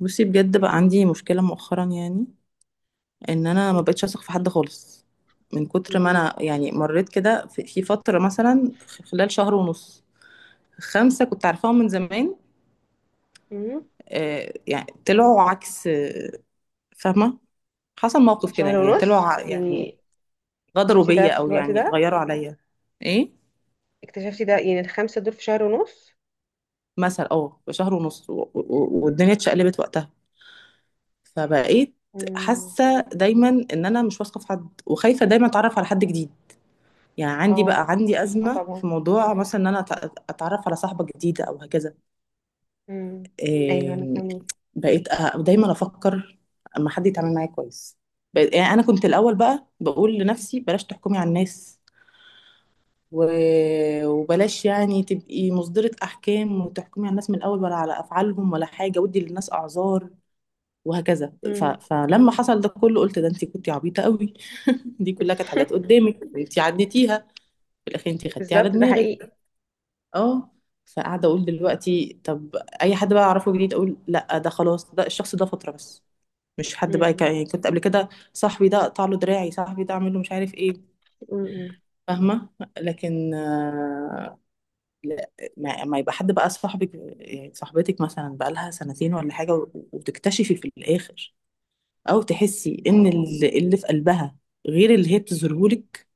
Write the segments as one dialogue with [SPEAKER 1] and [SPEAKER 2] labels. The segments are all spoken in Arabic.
[SPEAKER 1] بصي، بجد بقى عندي مشكلة مؤخرا يعني ان انا ما بقتش اثق في حد خالص. من كتر ما
[SPEAKER 2] مم.
[SPEAKER 1] انا يعني مريت كده في فترة مثلا خلال شهر ونص. خمسة كنت عارفاهم من زمان.
[SPEAKER 2] مم.
[SPEAKER 1] يعني طلعوا عكس. فاهمة؟ حصل موقف كده،
[SPEAKER 2] شهر
[SPEAKER 1] يعني طلعوا
[SPEAKER 2] ونص
[SPEAKER 1] يعني
[SPEAKER 2] يعني؟
[SPEAKER 1] غدروا
[SPEAKER 2] اكتشفتي ده
[SPEAKER 1] بيا
[SPEAKER 2] في
[SPEAKER 1] او
[SPEAKER 2] الوقت
[SPEAKER 1] يعني
[SPEAKER 2] ده؟
[SPEAKER 1] غيروا عليا. ايه،
[SPEAKER 2] اكتشفتي ده يعني الخمسة دول في شهر ونص؟
[SPEAKER 1] مثلا بشهر ونص والدنيا اتشقلبت وقتها. فبقيت
[SPEAKER 2] مم.
[SPEAKER 1] حاسة دايما ان انا مش واثقة في حد، وخايفة دايما اتعرف على حد جديد. يعني
[SPEAKER 2] اه،
[SPEAKER 1] بقى عندي
[SPEAKER 2] اه،
[SPEAKER 1] أزمة
[SPEAKER 2] طبعا.
[SPEAKER 1] في موضوع مثلا إن أنا أتعرف على صاحبة جديدة أو هكذا.
[SPEAKER 2] مم. ايوه، انا
[SPEAKER 1] إيه،
[SPEAKER 2] فاهمة.
[SPEAKER 1] بقيت دايما أفكر أما حد يتعامل معايا كويس. يعني أنا كنت الأول بقى بقول لنفسي بلاش تحكمي على الناس، وبلاش يعني تبقي مصدرة أحكام وتحكمي على الناس من الأول ولا على أفعالهم ولا حاجة، ودي للناس أعذار وهكذا.
[SPEAKER 2] مم.
[SPEAKER 1] فلما حصل ده كله قلت ده انت كنتي عبيطة قوي. دي كلها كانت حاجات قدامك انت عديتيها، في الأخير انت خدتي على
[SPEAKER 2] بالظبط، ده حقيقي.
[SPEAKER 1] دماغك. اه. فقاعده اقول دلوقتي، طب اي حد بقى اعرفه جديد اقول لا، ده خلاص، ده الشخص ده فتره بس. مش حد بقى
[SPEAKER 2] مم.
[SPEAKER 1] يعني كنت قبل كده صاحبي ده اقطع له دراعي، صاحبي ده اعمل له مش عارف ايه.
[SPEAKER 2] مم.
[SPEAKER 1] فاهمه؟ لكن لا. ما يبقى حد بقى صاحبك، يعني صاحبتك مثلا بقى لها سنتين ولا حاجه وتكتشفي في الاخر او تحسي ان اللي في قلبها غير اللي هي بتظهرهولك.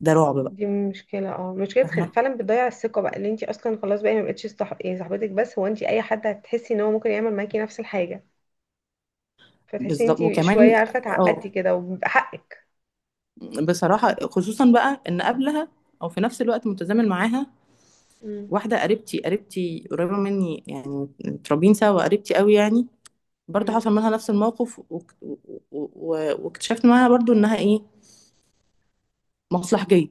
[SPEAKER 1] ده رعب بقى.
[SPEAKER 2] دي مشكلة، اه، مشكلة
[SPEAKER 1] فاهمه.
[SPEAKER 2] فعلا بتضيع الثقة بقى، اللي انت اصلا خلاص بقى ما بقتش يعني صاحبتك، بس هو انت اي حد هتحسي ان هو ممكن يعمل معاكي نفس الحاجة. فتحسي ان
[SPEAKER 1] بالظبط،
[SPEAKER 2] انت
[SPEAKER 1] وكمان
[SPEAKER 2] شوية عارفة
[SPEAKER 1] اه،
[SPEAKER 2] اتعقدتي كده، وبيبقى حقك.
[SPEAKER 1] بصراحة خصوصا بقى ان قبلها، او في نفس الوقت متزامن معاها،
[SPEAKER 2] مم.
[SPEAKER 1] واحدة قريبتي، قريبة مني يعني، متربيين سوا، قريبتي قوي يعني. برضه
[SPEAKER 2] مم.
[SPEAKER 1] حصل منها نفس الموقف واكتشفت معاها برضه انها ايه، مصلحجية.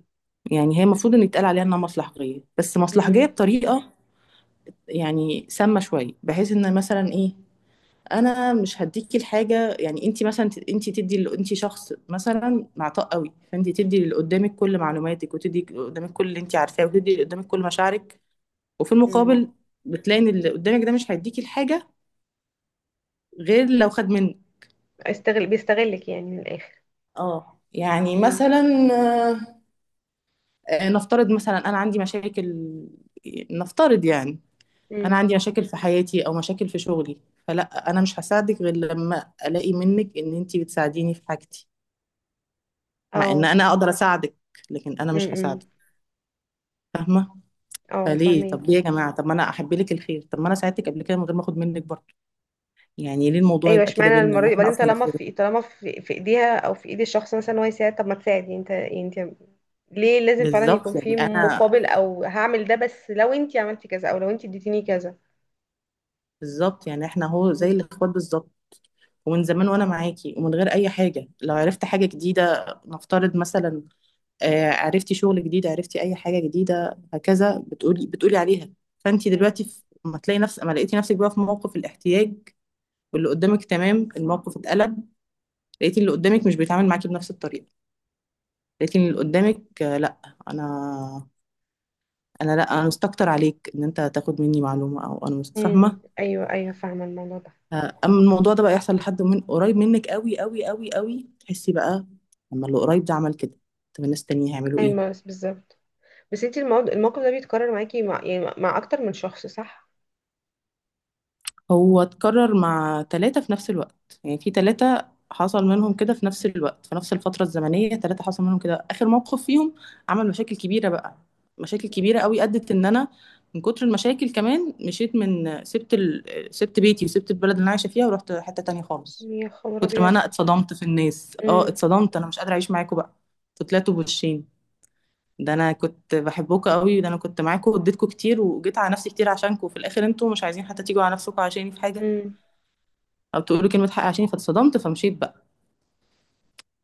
[SPEAKER 1] يعني هي المفروض ان يتقال عليها انها مصلحجية، بس مصلحجية
[SPEAKER 2] امم.
[SPEAKER 1] بطريقة يعني سامة شوية، بحيث ان مثلا ايه، انا مش هديكي الحاجه. يعني انت مثلا انت تدي انت شخص مثلا معطاء قوي، فانت تدي اللي قدامك كل معلوماتك، وتدي اللي قدامك كل اللي انت عارفاه، وتدي اللي قدامك كل مشاعرك. وفي
[SPEAKER 2] مم.
[SPEAKER 1] المقابل بتلاقي ان اللي قدامك ده مش هيديكي الحاجه غير لو خد منك.
[SPEAKER 2] استغل، بيستغلك يعني من الاخر.
[SPEAKER 1] اه، يعني
[SPEAKER 2] مم.
[SPEAKER 1] مثلا. آه، نفترض مثلا انا عندي مشاكل، نفترض يعني انا
[SPEAKER 2] مم.
[SPEAKER 1] عندي مشاكل في حياتي او مشاكل في شغلي، فلا انا مش هساعدك غير لما الاقي منك ان انت بتساعديني في حاجتي. مع ان
[SPEAKER 2] او...
[SPEAKER 1] انا اقدر اساعدك، لكن انا مش
[SPEAKER 2] مم.
[SPEAKER 1] هساعدك. فاهمه؟
[SPEAKER 2] او
[SPEAKER 1] فليه؟ طب ليه
[SPEAKER 2] فهميكي.
[SPEAKER 1] يا جماعه؟ طب ما انا احب لك الخير، طب ما انا ساعدتك قبل كده من غير ما اخد منك برضه. يعني ليه الموضوع
[SPEAKER 2] ايوه،
[SPEAKER 1] يبقى كده
[SPEAKER 2] اشمعنى
[SPEAKER 1] بينا
[SPEAKER 2] المره دي؟
[SPEAKER 1] واحنا
[SPEAKER 2] بعدين
[SPEAKER 1] اصلا
[SPEAKER 2] طالما
[SPEAKER 1] اخوات؟
[SPEAKER 2] في، طالما في ايديها او في ايد الشخص مثلا ان هو يساعد، طب ما تساعد. يعني انت، يعني انت ليه لازم فعلا يكون
[SPEAKER 1] بالظبط.
[SPEAKER 2] في
[SPEAKER 1] يعني انا،
[SPEAKER 2] مقابل، او هعمل ده بس لو انت عملتي كذا او لو انت اديتيني كذا؟
[SPEAKER 1] بالظبط، يعني احنا هو زي
[SPEAKER 2] مم.
[SPEAKER 1] الاخوات بالظبط. ومن زمان وانا معاكي ومن غير اي حاجه، لو عرفت حاجه جديده نفترض مثلا، عرفتي شغل جديد، عرفتي اي حاجه جديده هكذا بتقولي عليها. فانت
[SPEAKER 2] مم.
[SPEAKER 1] دلوقتي ما تلاقي نفس ما لقيتي نفسك بقى في موقف الاحتياج، واللي قدامك تمام، الموقف اتقلب. لقيتي اللي قدامك مش بيتعامل معاكي بنفس الطريقه. لقيتي اللي قدامك لا، انا، انا لا، انا مستكتر عليك ان انت تاخد مني معلومه، او انا مش
[SPEAKER 2] امم.
[SPEAKER 1] فاهمه.
[SPEAKER 2] ايوه، ايوه، فاهمه الموضوع ده.
[SPEAKER 1] اما الموضوع ده بقى يحصل لحد من قريب منك قوي قوي قوي قوي، تحسي بقى، لما اللي قريب ده عمل كده طب الناس التانية هيعملوا ايه؟
[SPEAKER 2] ايوه بس بالظبط، بس انت الموضوع الموقف ده بيتكرر معاكي مع يعني مع اكتر من شخص، صح؟
[SPEAKER 1] هو اتكرر مع ثلاثة في نفس الوقت. يعني في ثلاثة حصل منهم كده في نفس الوقت، في نفس الفترة الزمنية. ثلاثة حصل منهم كده، آخر موقف فيهم عمل مشاكل كبيرة بقى، مشاكل كبيرة قوي أدت إن أنا من كتر المشاكل كمان مشيت من سبت بيتي وسبت البلد اللي أنا عايشة فيها ورحت حتة تانية خالص.
[SPEAKER 2] يا خبر
[SPEAKER 1] كتر ما
[SPEAKER 2] ابيض.
[SPEAKER 1] أنا اتصدمت في الناس، اتصدمت أنا مش قادرة أعيش معاكم بقى. انتوا طلعتوا بوشين. ده أنا كنت بحبكم قوي، ده أنا كنت معاكم واديتكم كتير وجيت على نفسي كتير عشانكم، وفي الآخر أنتوا مش عايزين حتى تيجوا على نفسكم عشاني في حاجة
[SPEAKER 2] امم.
[SPEAKER 1] او تقولي كلمه حق عشان، فاتصدمت فمشيت بقى.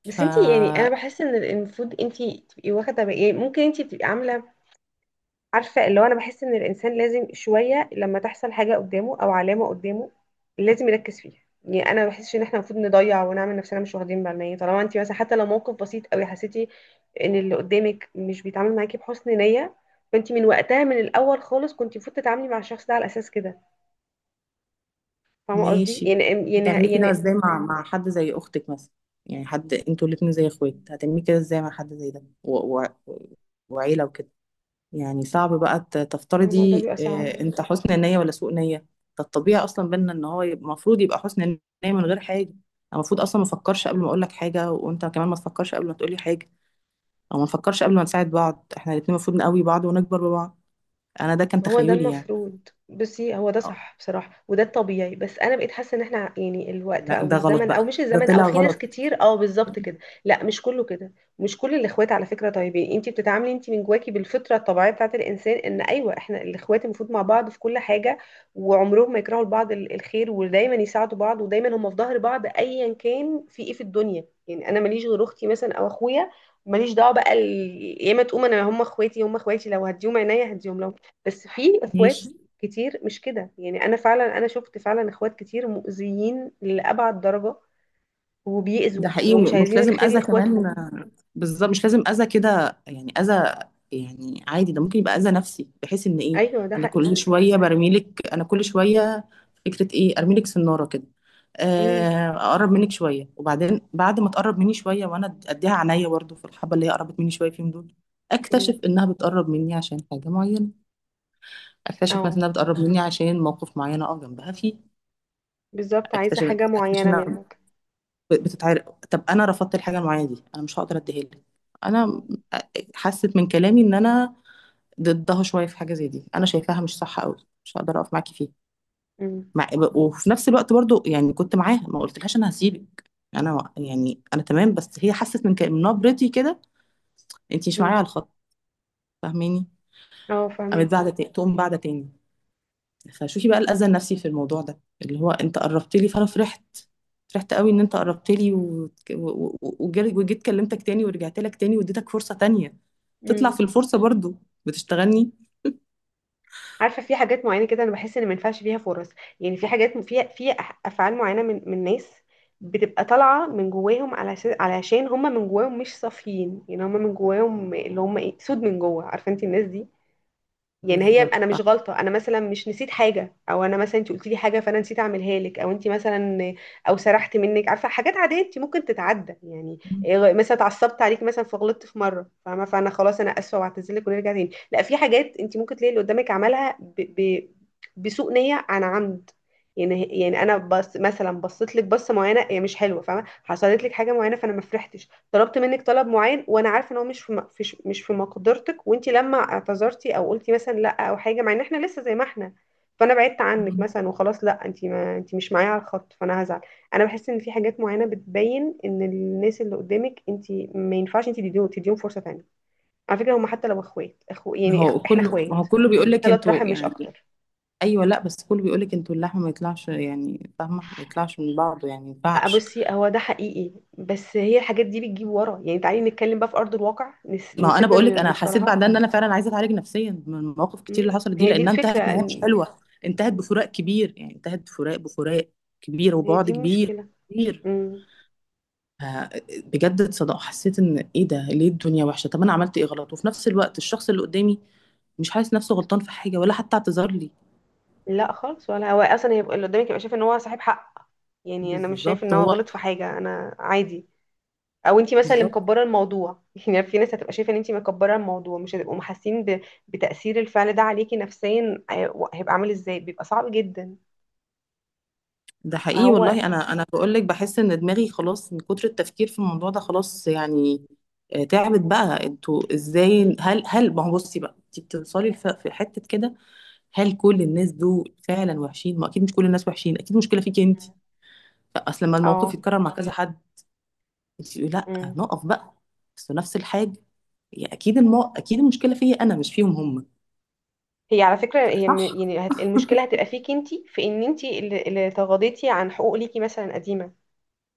[SPEAKER 2] بس انتي يعني انا
[SPEAKER 1] فماشي.
[SPEAKER 2] بحس ان المفروض انتي تبقي واخده بقى، يعني ممكن انتي تبقي عامله، عارفه اللي هو انا بحس ان الانسان لازم شويه لما تحصل حاجه قدامه او علامه قدامه لازم يركز فيها. يعني انا ما بحسش ان احنا المفروض نضيع ونعمل نفسنا مش واخدين بالنا. يعني طالما انتي مثلا حتى لو موقف بسيط قوي حسيتي ان اللي قدامك مش بيتعامل معاكي بحسن نيه، فانتي من وقتها من الاول خالص كنتي المفروض تتعاملي مع الشخص ده على اساس كده. فاهمه قصدي يعني؟ يعني
[SPEAKER 1] هتعملي كده
[SPEAKER 2] يعني
[SPEAKER 1] ازاي مع حد زي اختك مثلا؟ يعني حد انتوا الاتنين زي اخوات، هتعملي كده ازاي مع حد زي ده وعيله وكده؟ يعني صعب بقى
[SPEAKER 2] ما الموضوع
[SPEAKER 1] تفترضي
[SPEAKER 2] بيبقى صعب.
[SPEAKER 1] انت حسن نيه ولا سوء نيه. ده الطبيعي اصلا بينا ان هو المفروض يبقى حسن نيه من غير حاجه. أنا المفروض اصلا ما افكرش قبل ما اقول لك حاجه، وانت كمان ما تفكرش قبل ما تقولي حاجه، او ما نفكرش قبل ما نساعد بعض. احنا الاتنين المفروض نقوي بعض ونكبر ببعض. انا ده كان
[SPEAKER 2] ما هو ده
[SPEAKER 1] تخيلي يعني.
[SPEAKER 2] المفروض. بصي، هو ده صح بصراحة، وده الطبيعي. بس انا بقيت حاسة ان احنا يعني الوقت
[SPEAKER 1] لا
[SPEAKER 2] او
[SPEAKER 1] ده غلط
[SPEAKER 2] الزمن او
[SPEAKER 1] بقى،
[SPEAKER 2] مش
[SPEAKER 1] ده
[SPEAKER 2] الزمن، او
[SPEAKER 1] طلع
[SPEAKER 2] في ناس
[SPEAKER 1] غلط.
[SPEAKER 2] كتير، اه بالظبط كده. لا مش كله كده. مش كل الاخوات على فكرة طيبين. انتي بتتعاملي انتي من جواكي بالفطرة الطبيعية بتاعت الانسان ان ايوه احنا الاخوات المفروض مع بعض في كل حاجة، وعمرهم ما يكرهوا لبعض الخير، ودايما يساعدوا بعض، ودايما هم في ظهر بعض ايا كان في ايه في الدنيا. يعني انا ماليش غير اختي مثلا او اخويا، ماليش دعوه بقى يا اما تقوم انا، هم اخواتي، هم اخواتي لو هديهم عينيا هديهم، لو... بس في اخوات
[SPEAKER 1] ماشي.
[SPEAKER 2] كتير مش كده. يعني انا فعلا انا شفت فعلا اخوات كتير مؤذيين لأبعد درجة،
[SPEAKER 1] ده
[SPEAKER 2] وبيأذوا
[SPEAKER 1] حقيقي،
[SPEAKER 2] ومش
[SPEAKER 1] ومش
[SPEAKER 2] عايزين
[SPEAKER 1] لازم
[SPEAKER 2] الخير
[SPEAKER 1] اذى كمان.
[SPEAKER 2] لاخواتهم.
[SPEAKER 1] بالظبط، مش لازم اذى كده يعني اذى، يعني عادي. ده ممكن يبقى اذى نفسي بحيث ان ايه،
[SPEAKER 2] ايوه ده
[SPEAKER 1] انا كل
[SPEAKER 2] حقيقي.
[SPEAKER 1] شويه برميلك، انا كل شويه فكره ايه، ارميلك سناره كده.
[SPEAKER 2] امم.
[SPEAKER 1] اقرب منك شويه، وبعدين بعد ما تقرب مني شويه وانا اديها عينيا برضه، في الحبه اللي هي قربت مني شويه فيهم دول، اكتشف
[SPEAKER 2] امم.
[SPEAKER 1] انها بتقرب مني عشان حاجه معينه. اكتشف مثلا
[SPEAKER 2] اه،
[SPEAKER 1] انها بتقرب مني عشان موقف معين اقف جنبها فيه.
[SPEAKER 2] بالظبط عايزة حاجة
[SPEAKER 1] اكتشف
[SPEAKER 2] معينة
[SPEAKER 1] انها
[SPEAKER 2] منك.
[SPEAKER 1] بتتعرق. طب انا رفضت الحاجه المعينه دي، انا مش هقدر اديها لك. انا م- حست من كلامي ان انا ضدها شويه في حاجه زي دي، انا شايفاها مش صح قوي، مش هقدر اقف معاكي فيها.
[SPEAKER 2] امم.
[SPEAKER 1] مع... وفي نفس الوقت برضو، يعني كنت معاها ما قلتلهاش انا هسيبك، انا يعني انا تمام، بس هي حست من من نبرتي كده انت مش معايا على
[SPEAKER 2] امم.
[SPEAKER 1] الخط. فاهماني؟
[SPEAKER 2] اه
[SPEAKER 1] قامت
[SPEAKER 2] فاهمك.
[SPEAKER 1] بعد تقوم بعد تاني. فشوفي بقى الأذى النفسي في الموضوع ده، اللي هو انت قربت لي فانا فرحت، فرحت قوي ان انت قربت لي وجيت كلمتك تاني ورجعت لك تاني واديتك فرصة تانية، تطلع في الفرصة برضو بتشتغلني.
[SPEAKER 2] عارفه، في حاجات معينه كده انا بحس ان ما ينفعش فيها فرص. يعني في حاجات فيها في افعال معينه من ناس بتبقى طالعه من جواهم على علشان هم من جواهم مش صافيين. يعني هم من جواهم اللي هم ايه، سود من جوه، عارفه انت الناس دي؟ يعني هي
[SPEAKER 1] بالظبط
[SPEAKER 2] انا
[SPEAKER 1] صح.
[SPEAKER 2] مش غلطه، انا مثلا مش نسيت حاجه، او انا مثلا انت قلتي لي حاجه فانا نسيت اعملها لك، او انت مثلا، او سرحت منك. عارفه، حاجات عاديه انت ممكن تتعدى يعني. إيه، مثلا اتعصبت عليك مثلا فغلطت في مره، فاهمه، فانا خلاص انا اسفه واعتذرلك ونرجع تاني. لا، في حاجات انت ممكن تلاقي اللي قدامك عملها ب... بسوء نيه، عن عمد. يعني انا بس مثلا بصيت لك بصه معينه هي مش حلوه، فاهمه، حصلت لك حاجه معينه فانا ما فرحتش. طلبت منك طلب معين وانا عارفه ان هو مش في م- في ش- مش في مقدرتك، وانت لما اعتذرتي او قلتي مثلا لا او حاجه، مع ان احنا لسه زي ما احنا، فانا بعدت عنك
[SPEAKER 1] مم.
[SPEAKER 2] مثلا وخلاص. لا انت، ما انت مش معايا على الخط، فانا هزعل. انا بحس ان في حاجات معينه بتبين ان الناس اللي قدامك انت ما ينفعش انت تديهم فرصه تانية. على فكره، هم حتى لو اخوات، اخو
[SPEAKER 1] ما
[SPEAKER 2] يعني
[SPEAKER 1] هو
[SPEAKER 2] اخو احنا
[SPEAKER 1] كله،
[SPEAKER 2] اخوات
[SPEAKER 1] بيقول لك
[SPEAKER 2] ثلاث رحم،
[SPEAKER 1] انتوا
[SPEAKER 2] مش
[SPEAKER 1] يعني.
[SPEAKER 2] اكتر.
[SPEAKER 1] ايوه لا، بس كله بيقول لك انتوا اللحم ما يطلعش يعني. فاهمه؟ ما يطلعش من بعضه، يعني ما ينفعش.
[SPEAKER 2] بصي، هو ده حقيقي، بس هي الحاجات دي بتجيب ورا يعني. تعالي نتكلم بقى في ارض الواقع،
[SPEAKER 1] ما انا
[SPEAKER 2] نسيبنا
[SPEAKER 1] بقول
[SPEAKER 2] من
[SPEAKER 1] لك، انا حسيت
[SPEAKER 2] المصطلهات.
[SPEAKER 1] بعدها ان انا فعلا عايزه اتعالج نفسيا من المواقف الكتير اللي
[SPEAKER 2] مم.
[SPEAKER 1] حصلت دي،
[SPEAKER 2] هي دي
[SPEAKER 1] لانها انتهت
[SPEAKER 2] الفكرة
[SPEAKER 1] نهايه مش حلوه، انتهت بفراق كبير. يعني انتهت بفراق كبير.
[SPEAKER 2] هي
[SPEAKER 1] وبعد
[SPEAKER 2] دي
[SPEAKER 1] كبير.
[SPEAKER 2] مشكلة.
[SPEAKER 1] كبير.
[SPEAKER 2] امم.
[SPEAKER 1] ف- بجد اتصدق حسيت ان ايه ده؟ ليه الدنيا وحشه؟ طب انا عملت ايه غلط؟ وفي نفس الوقت الشخص اللي قدامي مش حاسس نفسه غلطان في حاجه ولا حتى اعتذر لي.
[SPEAKER 2] لا خالص، ولا هو اصلا يبقى اللي قدامك يبقى شايف ان هو صاحب حق. يعني انا مش شايف ان
[SPEAKER 1] بالظبط
[SPEAKER 2] هو
[SPEAKER 1] هو.
[SPEAKER 2] غلط في حاجة، انا عادي، او انتي مثلا اللي
[SPEAKER 1] بالظبط.
[SPEAKER 2] مكبرة الموضوع. يعني في ناس هتبقى شايفة ان انتي مكبرة الموضوع، مش هتبقوا محاسين بتأثير الفعل ده عليكي نفسيا. هيبقى عامل ازاي؟ بيبقى صعب جدا.
[SPEAKER 1] ده حقيقي
[SPEAKER 2] فهو...
[SPEAKER 1] والله. انا بقول لك بحس ان دماغي خلاص من كتر التفكير في الموضوع ده، خلاص يعني. تعبت بقى. انتوا ازاي؟ هل ما هو بصي بقى، انت بتوصلي في حته كده، هل كل الناس دول فعلا وحشين؟ ما اكيد مش كل الناس وحشين، اكيد المشكله فيكي انت، اصل لما الموقف
[SPEAKER 2] اه.
[SPEAKER 1] يتكرر مع كذا حد انت تقولي لا
[SPEAKER 2] امم.
[SPEAKER 1] نقف بقى، بس نفس الحاجه، يا اكيد اكيد المشكله فيا انا مش فيهم هم.
[SPEAKER 2] هي على فكرة، هي م-
[SPEAKER 1] صح.
[SPEAKER 2] يعني هت... المشكلة هتبقى فيكي انتي، في ان انتي اللي تغاضيتي عن حقوق ليكي مثلا قديمة،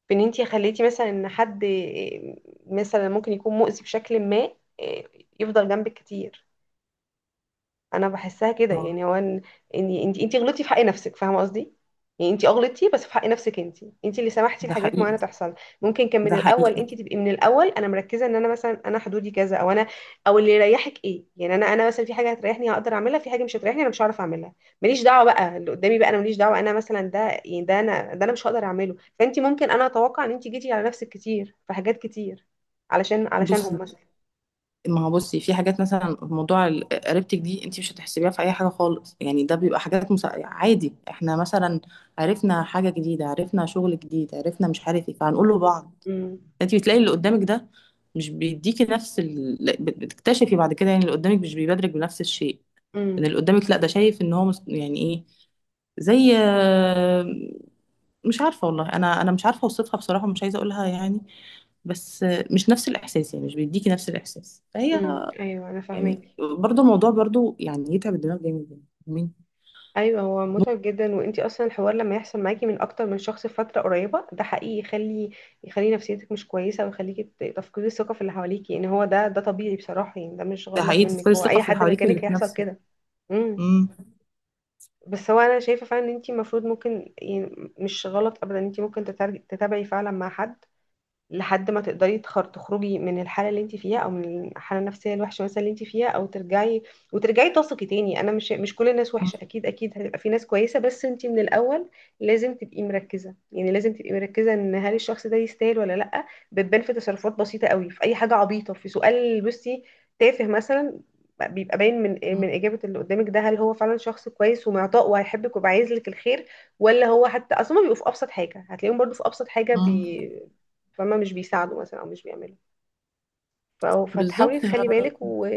[SPEAKER 2] في ان انتي خليتي مثلا ان حد آه، مثلا ممكن يكون مؤذي بشكل ما، آه، يفضل جنبك كتير. انا بحسها كده.
[SPEAKER 1] اه.
[SPEAKER 2] يعني هو ان انت غلطتي في حق نفسك، فاهمه قصدي؟ يعني انت غلطتي بس في حق نفسك انت، انت اللي سمحتي
[SPEAKER 1] ده
[SPEAKER 2] لحاجات
[SPEAKER 1] حقيقي.
[SPEAKER 2] معينه تحصل. ممكن كان من
[SPEAKER 1] ده
[SPEAKER 2] الاول
[SPEAKER 1] حقيقي.
[SPEAKER 2] انت تبقي، من الاول انا مركزه ان انا مثلا انا حدودي كذا، او انا، او اللي يريحك ايه. يعني انا مثلا في حاجه هتريحني هقدر اعملها، في حاجه مش هتريحني انا مش هعرف اعملها. ماليش دعوه بقى اللي قدامي، بقى انا ماليش دعوه. انا مثلا ده، يعني ده انا مش هقدر اعمله. فانت ممكن، انا اتوقع ان انت جيتي على نفسك كتير في حاجات كتير، علشان علشانهم
[SPEAKER 1] بصي.
[SPEAKER 2] مثلا.
[SPEAKER 1] ما هو بصي في حاجات مثلا موضوع قريبتك دي انت مش هتحسبيها في اي حاجه خالص، يعني ده بيبقى حاجات عادي. احنا مثلا عرفنا حاجه جديده، عرفنا شغل جديد، عرفنا مش عارف ايه، فهنقول له بعض.
[SPEAKER 2] امم.
[SPEAKER 1] انت بتلاقي اللي قدامك ده مش بيديكي نفس لا، بتكتشفي بعد كده يعني اللي قدامك مش بيبادرك بنفس الشيء، ان
[SPEAKER 2] امم.
[SPEAKER 1] اللي قدامك لا ده شايف ان هو يعني ايه، زي مش عارفه والله. انا مش عارفه اوصفها بصراحه، مش عايزه اقولها يعني، بس مش نفس الاحساس. يعني مش بيديكي نفس الاحساس فهي،
[SPEAKER 2] امم. ايوه انا فاهمك.
[SPEAKER 1] يعني برضه الموضوع برضه يعني يتعب الدماغ جامد يعني. مين؟
[SPEAKER 2] ايوه، هو متعب جدا. وانتي اصلا الحوار لما يحصل معاكي من اكتر من شخص في فتره قريبه، ده حقيقي يخلي نفسيتك مش كويسه، ويخليكي تفقدي الثقه في اللي حواليكي. يعني هو ده طبيعي بصراحه، يعني ده مش
[SPEAKER 1] ده
[SPEAKER 2] غلط
[SPEAKER 1] حقيقي، تفقدي
[SPEAKER 2] منك. هو
[SPEAKER 1] الثقة
[SPEAKER 2] اي
[SPEAKER 1] في اللي
[SPEAKER 2] حد
[SPEAKER 1] حواليك واللي
[SPEAKER 2] مكانك
[SPEAKER 1] في
[SPEAKER 2] هيحصل
[SPEAKER 1] نفسك.
[SPEAKER 2] كده. امم.
[SPEAKER 1] مم.
[SPEAKER 2] بس هو انا شايفه فعلا ان انتي المفروض ممكن يعني مش غلط ابدا ان انتي ممكن تتابعي فعلا مع حد لحد ما تقدري تخرجي من الحاله اللي انت فيها، او من الحاله النفسيه الوحشه مثلا اللي انت فيها، او ترجعي وترجعي تثقي تاني. انا مش كل الناس
[SPEAKER 1] مم.
[SPEAKER 2] وحشه، اكيد اكيد هيبقى في ناس كويسه. بس انت من الاول لازم تبقي مركزه، يعني لازم تبقي مركزه ان هل الشخص ده يستاهل ولا لا. بتبان في تصرفات بسيطه قوي، في اي حاجه عبيطه، في سؤال بصي تافه مثلا، بيبقى باين من
[SPEAKER 1] مم.
[SPEAKER 2] اجابه اللي قدامك ده هل هو فعلا شخص كويس ومعطاء وهيحبك وبيبقى عايز لك الخير، ولا هو حتى اصلا. بيبقوا في ابسط حاجه، هتلاقيهم برضو في ابسط حاجه
[SPEAKER 1] مم.
[SPEAKER 2] بي... فما مش بيساعدوا مثلا او مش بيعملوا. فتحاولي
[SPEAKER 1] بالظبط.
[SPEAKER 2] تخلي بالك و...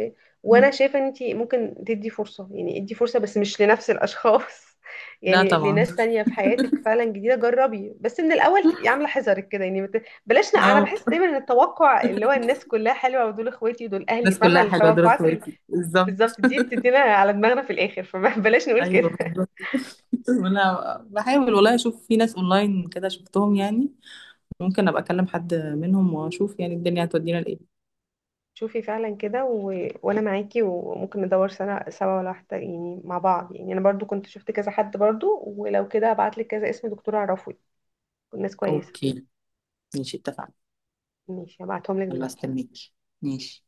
[SPEAKER 2] وانا
[SPEAKER 1] مم.
[SPEAKER 2] شايفه ان انت ممكن تدي فرصه، يعني ادي فرصه بس مش لنفس الاشخاص.
[SPEAKER 1] لا
[SPEAKER 2] يعني
[SPEAKER 1] طبعا.
[SPEAKER 2] لناس تانية في حياتك فعلا جديده. جربي بس من الاول تبقي عامله حذرك كده. يعني انا
[SPEAKER 1] أو
[SPEAKER 2] بحس دايما ان التوقع اللي هو الناس كلها حلوه ودول اخواتي ودول اهلي،
[SPEAKER 1] الناس
[SPEAKER 2] فاهمه
[SPEAKER 1] كلها حلوة دول
[SPEAKER 2] التوقعات
[SPEAKER 1] اخواتي بالظبط.
[SPEAKER 2] بالظبط دي بتدينا على دماغنا في الاخر، فبلاش نقول
[SPEAKER 1] ايوه
[SPEAKER 2] كده.
[SPEAKER 1] بالظبط. وانا بحاول والله اشوف في ناس اونلاين كده شفتهم يعني، ممكن ابقى اكلم حد منهم واشوف يعني الدنيا هتودينا لايه.
[SPEAKER 2] شوفي فعلا كده، و... وانا معاكي. وممكن ندور سنة سوا ولا واحدة يعني مع بعض. يعني انا برضو كنت شفت كذا حد برضو، ولو كده هبعتلك كذا اسم دكتور اعرفه، ناس كويسة.
[SPEAKER 1] اوكي. ماشي، اتفقنا.
[SPEAKER 2] ماشي هبعتهم لك
[SPEAKER 1] يلا
[SPEAKER 2] دلوقتي.
[SPEAKER 1] استنيك. ماشي.